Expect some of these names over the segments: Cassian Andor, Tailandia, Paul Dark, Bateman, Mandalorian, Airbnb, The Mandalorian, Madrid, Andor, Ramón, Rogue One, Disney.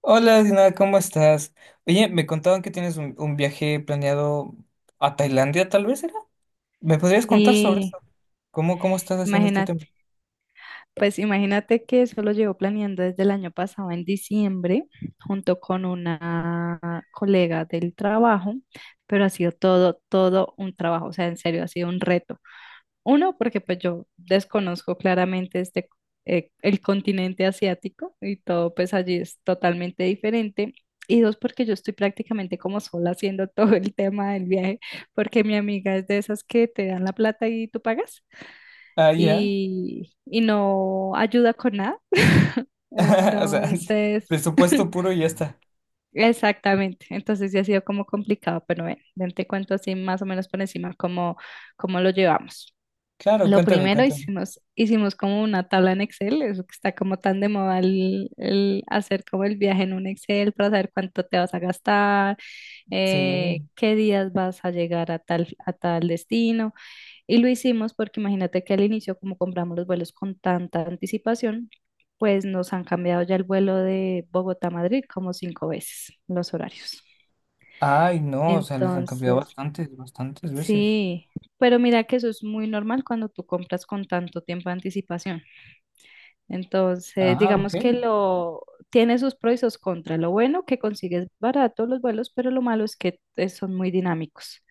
Hola, Dina, ¿cómo estás? Oye, me contaban que tienes un viaje planeado a Tailandia, tal vez era. ¿Me podrías contar sobre Sí, eso? ¿Cómo estás haciendo este tema? imagínate, imagínate que eso lo llevo planeando desde el año pasado en diciembre, junto con una colega del trabajo, pero ha sido todo, todo un trabajo, o sea, en serio, ha sido un reto. Uno, porque pues yo desconozco claramente este, el continente asiático y todo pues allí es totalmente diferente. Y dos, porque yo estoy prácticamente como sola haciendo todo el tema del viaje, porque mi amiga es de esas que te dan la plata y tú pagas. Ah, ya. Y no ayuda con nada. O sea, Entonces, presupuesto puro y ya está. exactamente. Entonces sí ha sido como complicado, pero bueno, ven, te cuento así más o menos por encima cómo lo llevamos. Claro, Lo cuéntame, primero cuéntame. hicimos como una tabla en Excel, eso que está como tan de moda el hacer como el viaje en un Excel para saber cuánto te vas a gastar, Sí. qué días vas a llegar a tal destino. Y lo hicimos porque imagínate que al inicio, como compramos los vuelos con tanta anticipación, pues nos han cambiado ya el vuelo de Bogotá a Madrid como 5 veces los horarios. Ay, no, o sea, les han cambiado Entonces, bastantes, bastantes veces. sí, pero mira que eso es muy normal cuando tú compras con tanto tiempo de anticipación. Entonces, Ah, digamos que ok. lo tiene sus pros y sus contras. Lo bueno que consigues barato los vuelos, pero lo malo es que son muy dinámicos.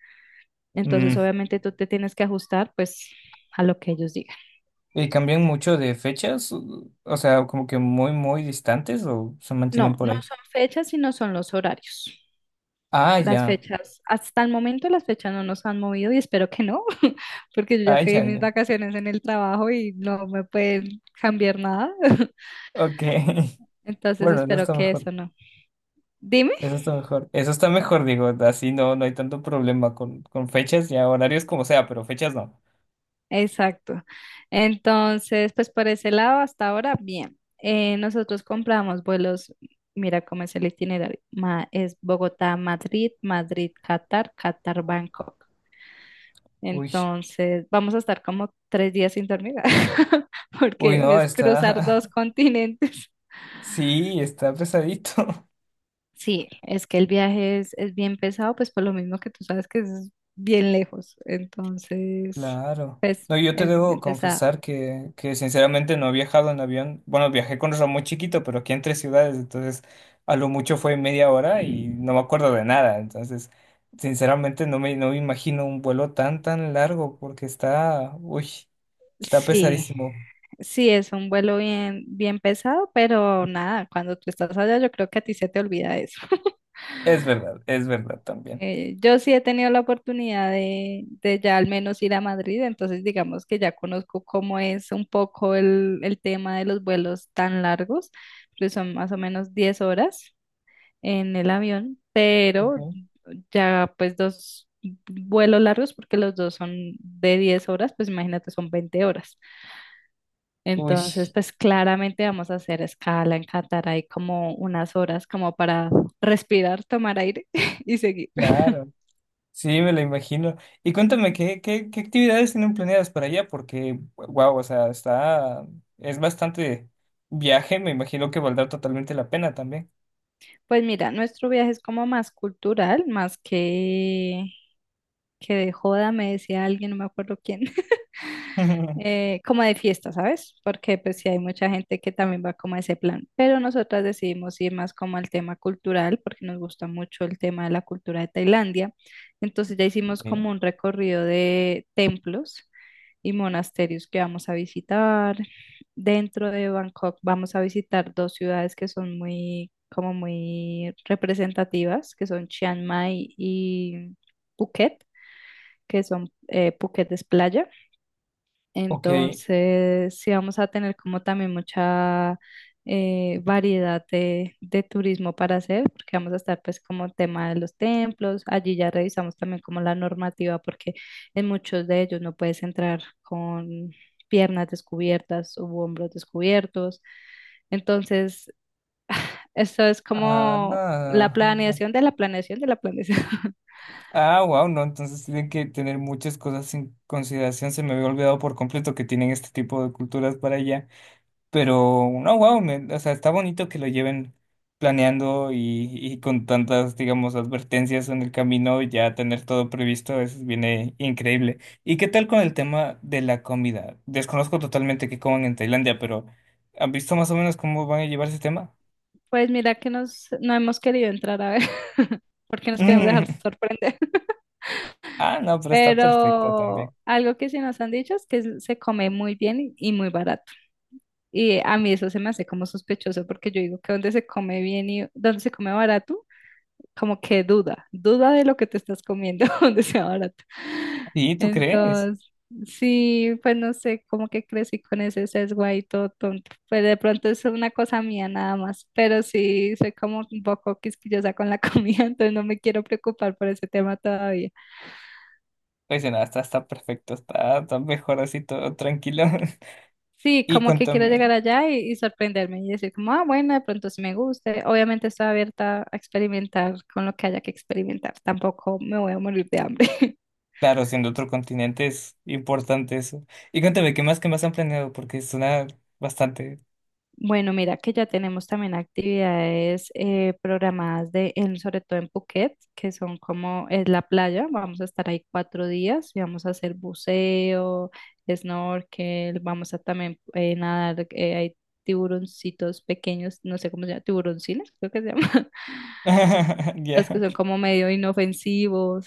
Entonces, Mm, obviamente tú te tienes que ajustar pues a lo que ellos digan. ¿y cambian mucho de fechas? O sea, como que muy, muy distantes o se mantienen No, por no ahí. son fechas, sino son los horarios. Ah, Las ya. fechas, hasta el momento las fechas no nos han movido y espero que no, porque yo ya Ah, pedí ya, mis ya. vacaciones en el trabajo y no me pueden cambiar nada. Ok. Entonces Bueno, no espero está que mejor. eso no. Dime. Eso está mejor. Eso está mejor, digo, así no, no hay tanto problema con fechas y horarios como sea, pero fechas no. Exacto. Entonces, pues por ese lado, hasta ahora, bien. Nosotros compramos vuelos, mira cómo es el itinerario. Es Bogotá, Madrid, Madrid, Qatar, Qatar, Bangkok. Uy, Entonces, vamos a estar como 3 días sin dormir, uy, porque no, es cruzar está, dos continentes. sí, está pesadito. Sí, es que el viaje es bien pesado, pues por lo mismo que tú sabes que es bien lejos. Entonces, Claro. pues No, yo te es debo bien pesado. confesar que sinceramente no he viajado en avión. Bueno, viajé con Ramón chiquito, pero aquí entre ciudades, entonces a lo mucho fue media hora y no me acuerdo de nada. Entonces, sinceramente no me imagino un vuelo tan, tan largo porque está, uy, está Sí, pesadísimo. sí, es un vuelo bien, bien pesado, pero nada, cuando tú estás allá, yo creo que a ti se te olvida eso. Es verdad también. Yo sí he tenido la oportunidad de ya al menos ir a Madrid, entonces digamos que ya conozco cómo es un poco el tema de los vuelos tan largos, que son más o menos 10 horas en el avión, pero Okay. ya pues dos vuelos largos, porque los dos son de 10 horas, pues imagínate, son 20 horas. Uy, Entonces, pues claramente vamos a hacer escala en Qatar, hay como unas horas como para respirar, tomar aire y seguir. claro. Sí, me lo imagino. Y cuéntame, ¿qué actividades tienen planeadas para allá? Porque, wow, o sea, está, es bastante viaje, me imagino que valdrá totalmente la pena también. Pues mira, nuestro viaje es como más cultural, más que de joda, me decía alguien, no me acuerdo quién, como de fiesta, ¿sabes? Porque pues sí hay mucha gente que también va como a ese plan, pero nosotras decidimos ir más como al tema cultural, porque nos gusta mucho el tema de la cultura de Tailandia. Entonces ya hicimos como Sí. un recorrido de templos y monasterios que vamos a visitar. Dentro de Bangkok vamos a visitar dos ciudades que son muy, como muy representativas, que son Chiang Mai y Phuket, que son Phuket es playa. Ok. Entonces, sí vamos a tener como también mucha variedad de turismo para hacer, porque vamos a estar pues como tema de los templos, allí ya revisamos también como la normativa, porque en muchos de ellos no puedes entrar con piernas descubiertas u hombros descubiertos. Entonces, esto es Ah, como la ah, mira. planeación de la planeación de la planeación. Ah, wow, no, entonces tienen que tener muchas cosas en consideración. Se me había olvidado por completo que tienen este tipo de culturas para allá. Pero, no, wow, o sea, está bonito que lo lleven planeando y con tantas, digamos, advertencias en el camino, ya tener todo previsto, es, viene increíble. ¿Y qué tal con el tema de la comida? Desconozco totalmente qué coman en Tailandia, pero ¿han visto más o menos cómo van a llevar ese tema? Pues mira que no hemos querido entrar a ver, porque nos queremos dejar sorprender. Ah, no, pero está perfecto Pero también. algo que sí nos han dicho es que se come muy bien y muy barato. Y a mí eso se me hace como sospechoso porque yo digo que donde se come bien y donde se come barato, como que duda, duda de lo que te estás comiendo donde sea barato. ¿Y tú crees? Entonces, sí, pues no sé, como que crecí con ese sesgo ahí todo tonto. Pues de pronto es una cosa mía nada más, pero sí soy como un poco quisquillosa con la comida, entonces no me quiero preocupar por ese tema todavía. Pues nada, está, está perfecto, está, está mejor así, todo tranquilo. Sí, Y como que quiero llegar cuéntame. allá y sorprenderme y decir como, ah, bueno, de pronto sí me guste. Obviamente estoy abierta a experimentar con lo que haya que experimentar. Tampoco me voy a morir de hambre. Claro, siendo otro continente es importante eso. Y cuéntame, ¿qué más han planeado? Porque suena bastante. Bueno, mira que ya tenemos también actividades programadas sobre todo en Phuket, que son como es la playa. Vamos a estar ahí 4 días y vamos a hacer buceo, snorkel, vamos a también nadar, hay tiburoncitos pequeños, no sé cómo se llama, tiburoncines, creo que se llama. Los que Ya. son como medio inofensivos.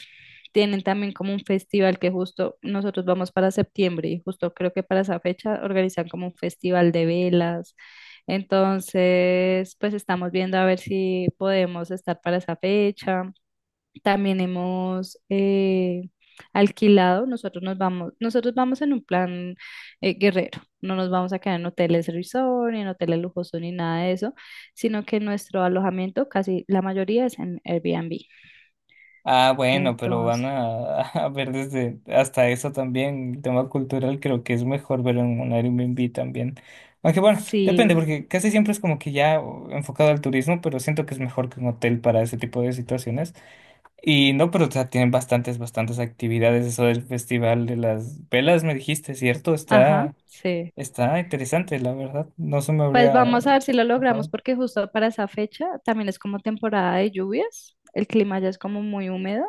Tienen también como un festival que justo nosotros vamos para septiembre y justo creo que para esa fecha organizan como un festival de velas. Entonces, pues estamos viendo a ver si podemos estar para esa fecha. También hemos alquilado, nosotros nos vamos, nosotros vamos en un plan guerrero, no nos vamos a quedar en hoteles resort, ni en hoteles lujosos, ni nada de eso, sino que nuestro alojamiento, casi la mayoría es en Airbnb. Ah, bueno, pero van Entonces, a, a ver desde hasta eso también. El tema cultural creo que es mejor verlo en un Airbnb también. Aunque bueno, depende, sí, porque casi siempre es como que ya oh, enfocado al turismo, pero siento que es mejor que un hotel para ese tipo de situaciones. Y no, pero o sea, tienen bastantes, bastantes actividades. Eso del festival de las velas, me dijiste, ¿cierto? ajá, Está. sí. Está interesante, la verdad. No se me Pues habría vamos a ver si lo logramos pasado. porque justo para esa fecha también es como temporada de lluvias, el clima ya es como muy húmedo.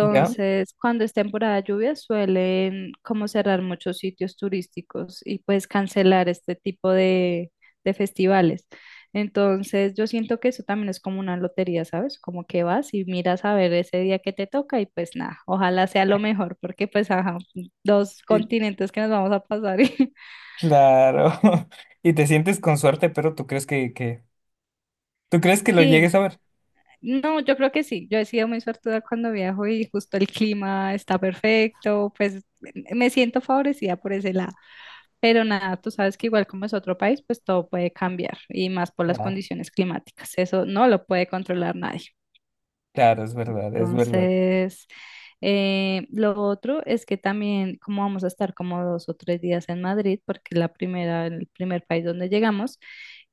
¿Ya? cuando es temporada de lluvia, suelen como cerrar muchos sitios turísticos y pues cancelar este tipo de festivales. Entonces, yo siento que eso también es como una lotería, ¿sabes? Como que vas y miras a ver ese día que te toca y pues nada, ojalá sea lo mejor, porque pues ajá, dos Y continentes que nos vamos a pasar. claro. Y te sientes con suerte, pero tú crees que tú crees que lo Sí, llegues a ver. no, yo creo que sí. Yo he sido muy suertuda cuando viajo y justo el clima está perfecto, pues me siento favorecida por ese lado. Pero nada, tú sabes que igual como es otro país, pues todo puede cambiar y más por las Claro, condiciones climáticas. Eso no lo puede controlar nadie. claro, es verdad, es verdad. Entonces, lo otro es que también como vamos a estar como 2 o 3 días en Madrid, porque el primer país donde llegamos,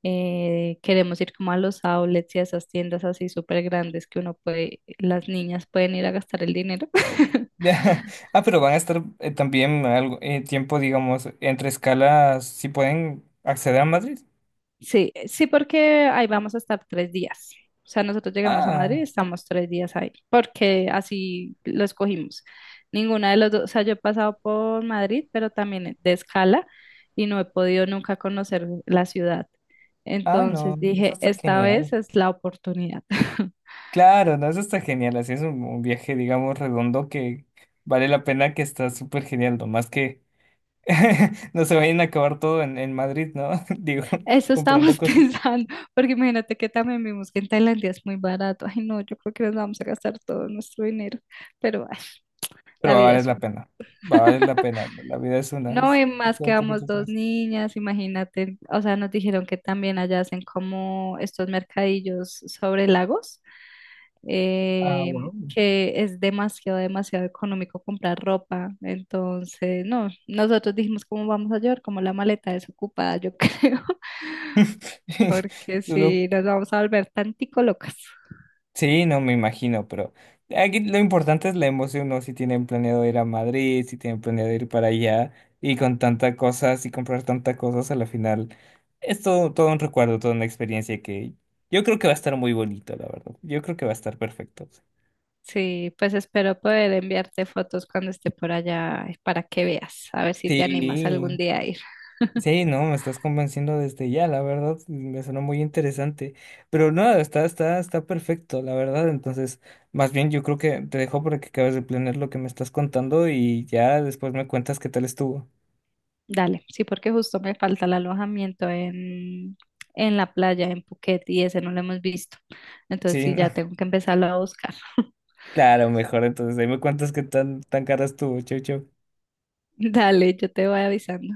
queremos ir como a los outlets y a esas tiendas así súper grandes que uno puede, las niñas pueden ir a gastar el dinero. Ya. Ah, pero van a estar también algo tiempo, digamos, entre escalas, si pueden acceder a Madrid. Sí, sí, porque ahí vamos a estar 3 días. O sea, nosotros llegamos a Madrid y Ah, estamos 3 días ahí, porque así lo escogimos. Ninguna de los dos, o sea, yo he pasado por Madrid, pero también de escala y no he podido nunca conocer la ciudad. ah, no, Entonces eso dije, está esta genial. vez es la oportunidad. Claro, no, eso está genial. Así es un viaje, digamos, redondo que vale la pena, que está súper genial, nomás que no se vayan a acabar todo en Madrid, ¿no? Digo, Eso comprando estábamos cosas. pensando, porque imagínate que también vimos que en Tailandia es muy barato. Ay, no, yo creo que nos vamos a gastar todo nuestro dinero, pero ay, Pero la va a vida valer es la una. pena. Va a valer la pena. La vida es una. No, Es- y es más que todo lo que tú vamos dos tienes. niñas, imagínate, o sea, nos dijeron que también allá hacen como estos mercadillos sobre lagos, Ah, eh, wow. que es demasiado, demasiado económico comprar ropa. Entonces, no, nosotros dijimos cómo vamos a llevar, como la maleta desocupada, yo creo, porque Solo- si nos vamos a volver tantico locas. sí, no me imagino, pero aquí lo importante es la emoción, ¿no? Si tienen planeado ir a Madrid, si tienen planeado ir para allá y con tantas cosas y comprar tantas cosas, a la final es todo, todo un recuerdo, toda una experiencia que yo creo que va a estar muy bonito, la verdad. Yo creo que va a estar perfecto. Sí, pues espero poder enviarte fotos cuando esté por allá para que veas, a ver si te animas algún Sí, día a ir. sí, no, me estás convenciendo desde ya, la verdad, me sonó muy interesante. Pero no, está, está, está perfecto, la verdad. Entonces, más bien yo creo que te dejo para que acabes de planear lo que me estás contando y ya después me cuentas qué tal estuvo. Dale, sí, porque justo me falta el alojamiento en la playa, en Phuket, y ese no lo hemos visto. Entonces Sí, sí, no, ya tengo que empezarlo a buscar. claro, mejor. Entonces, ahí me cuentas qué tan, tan cara estuvo. Chau, chau. Dale, yo te voy avisando.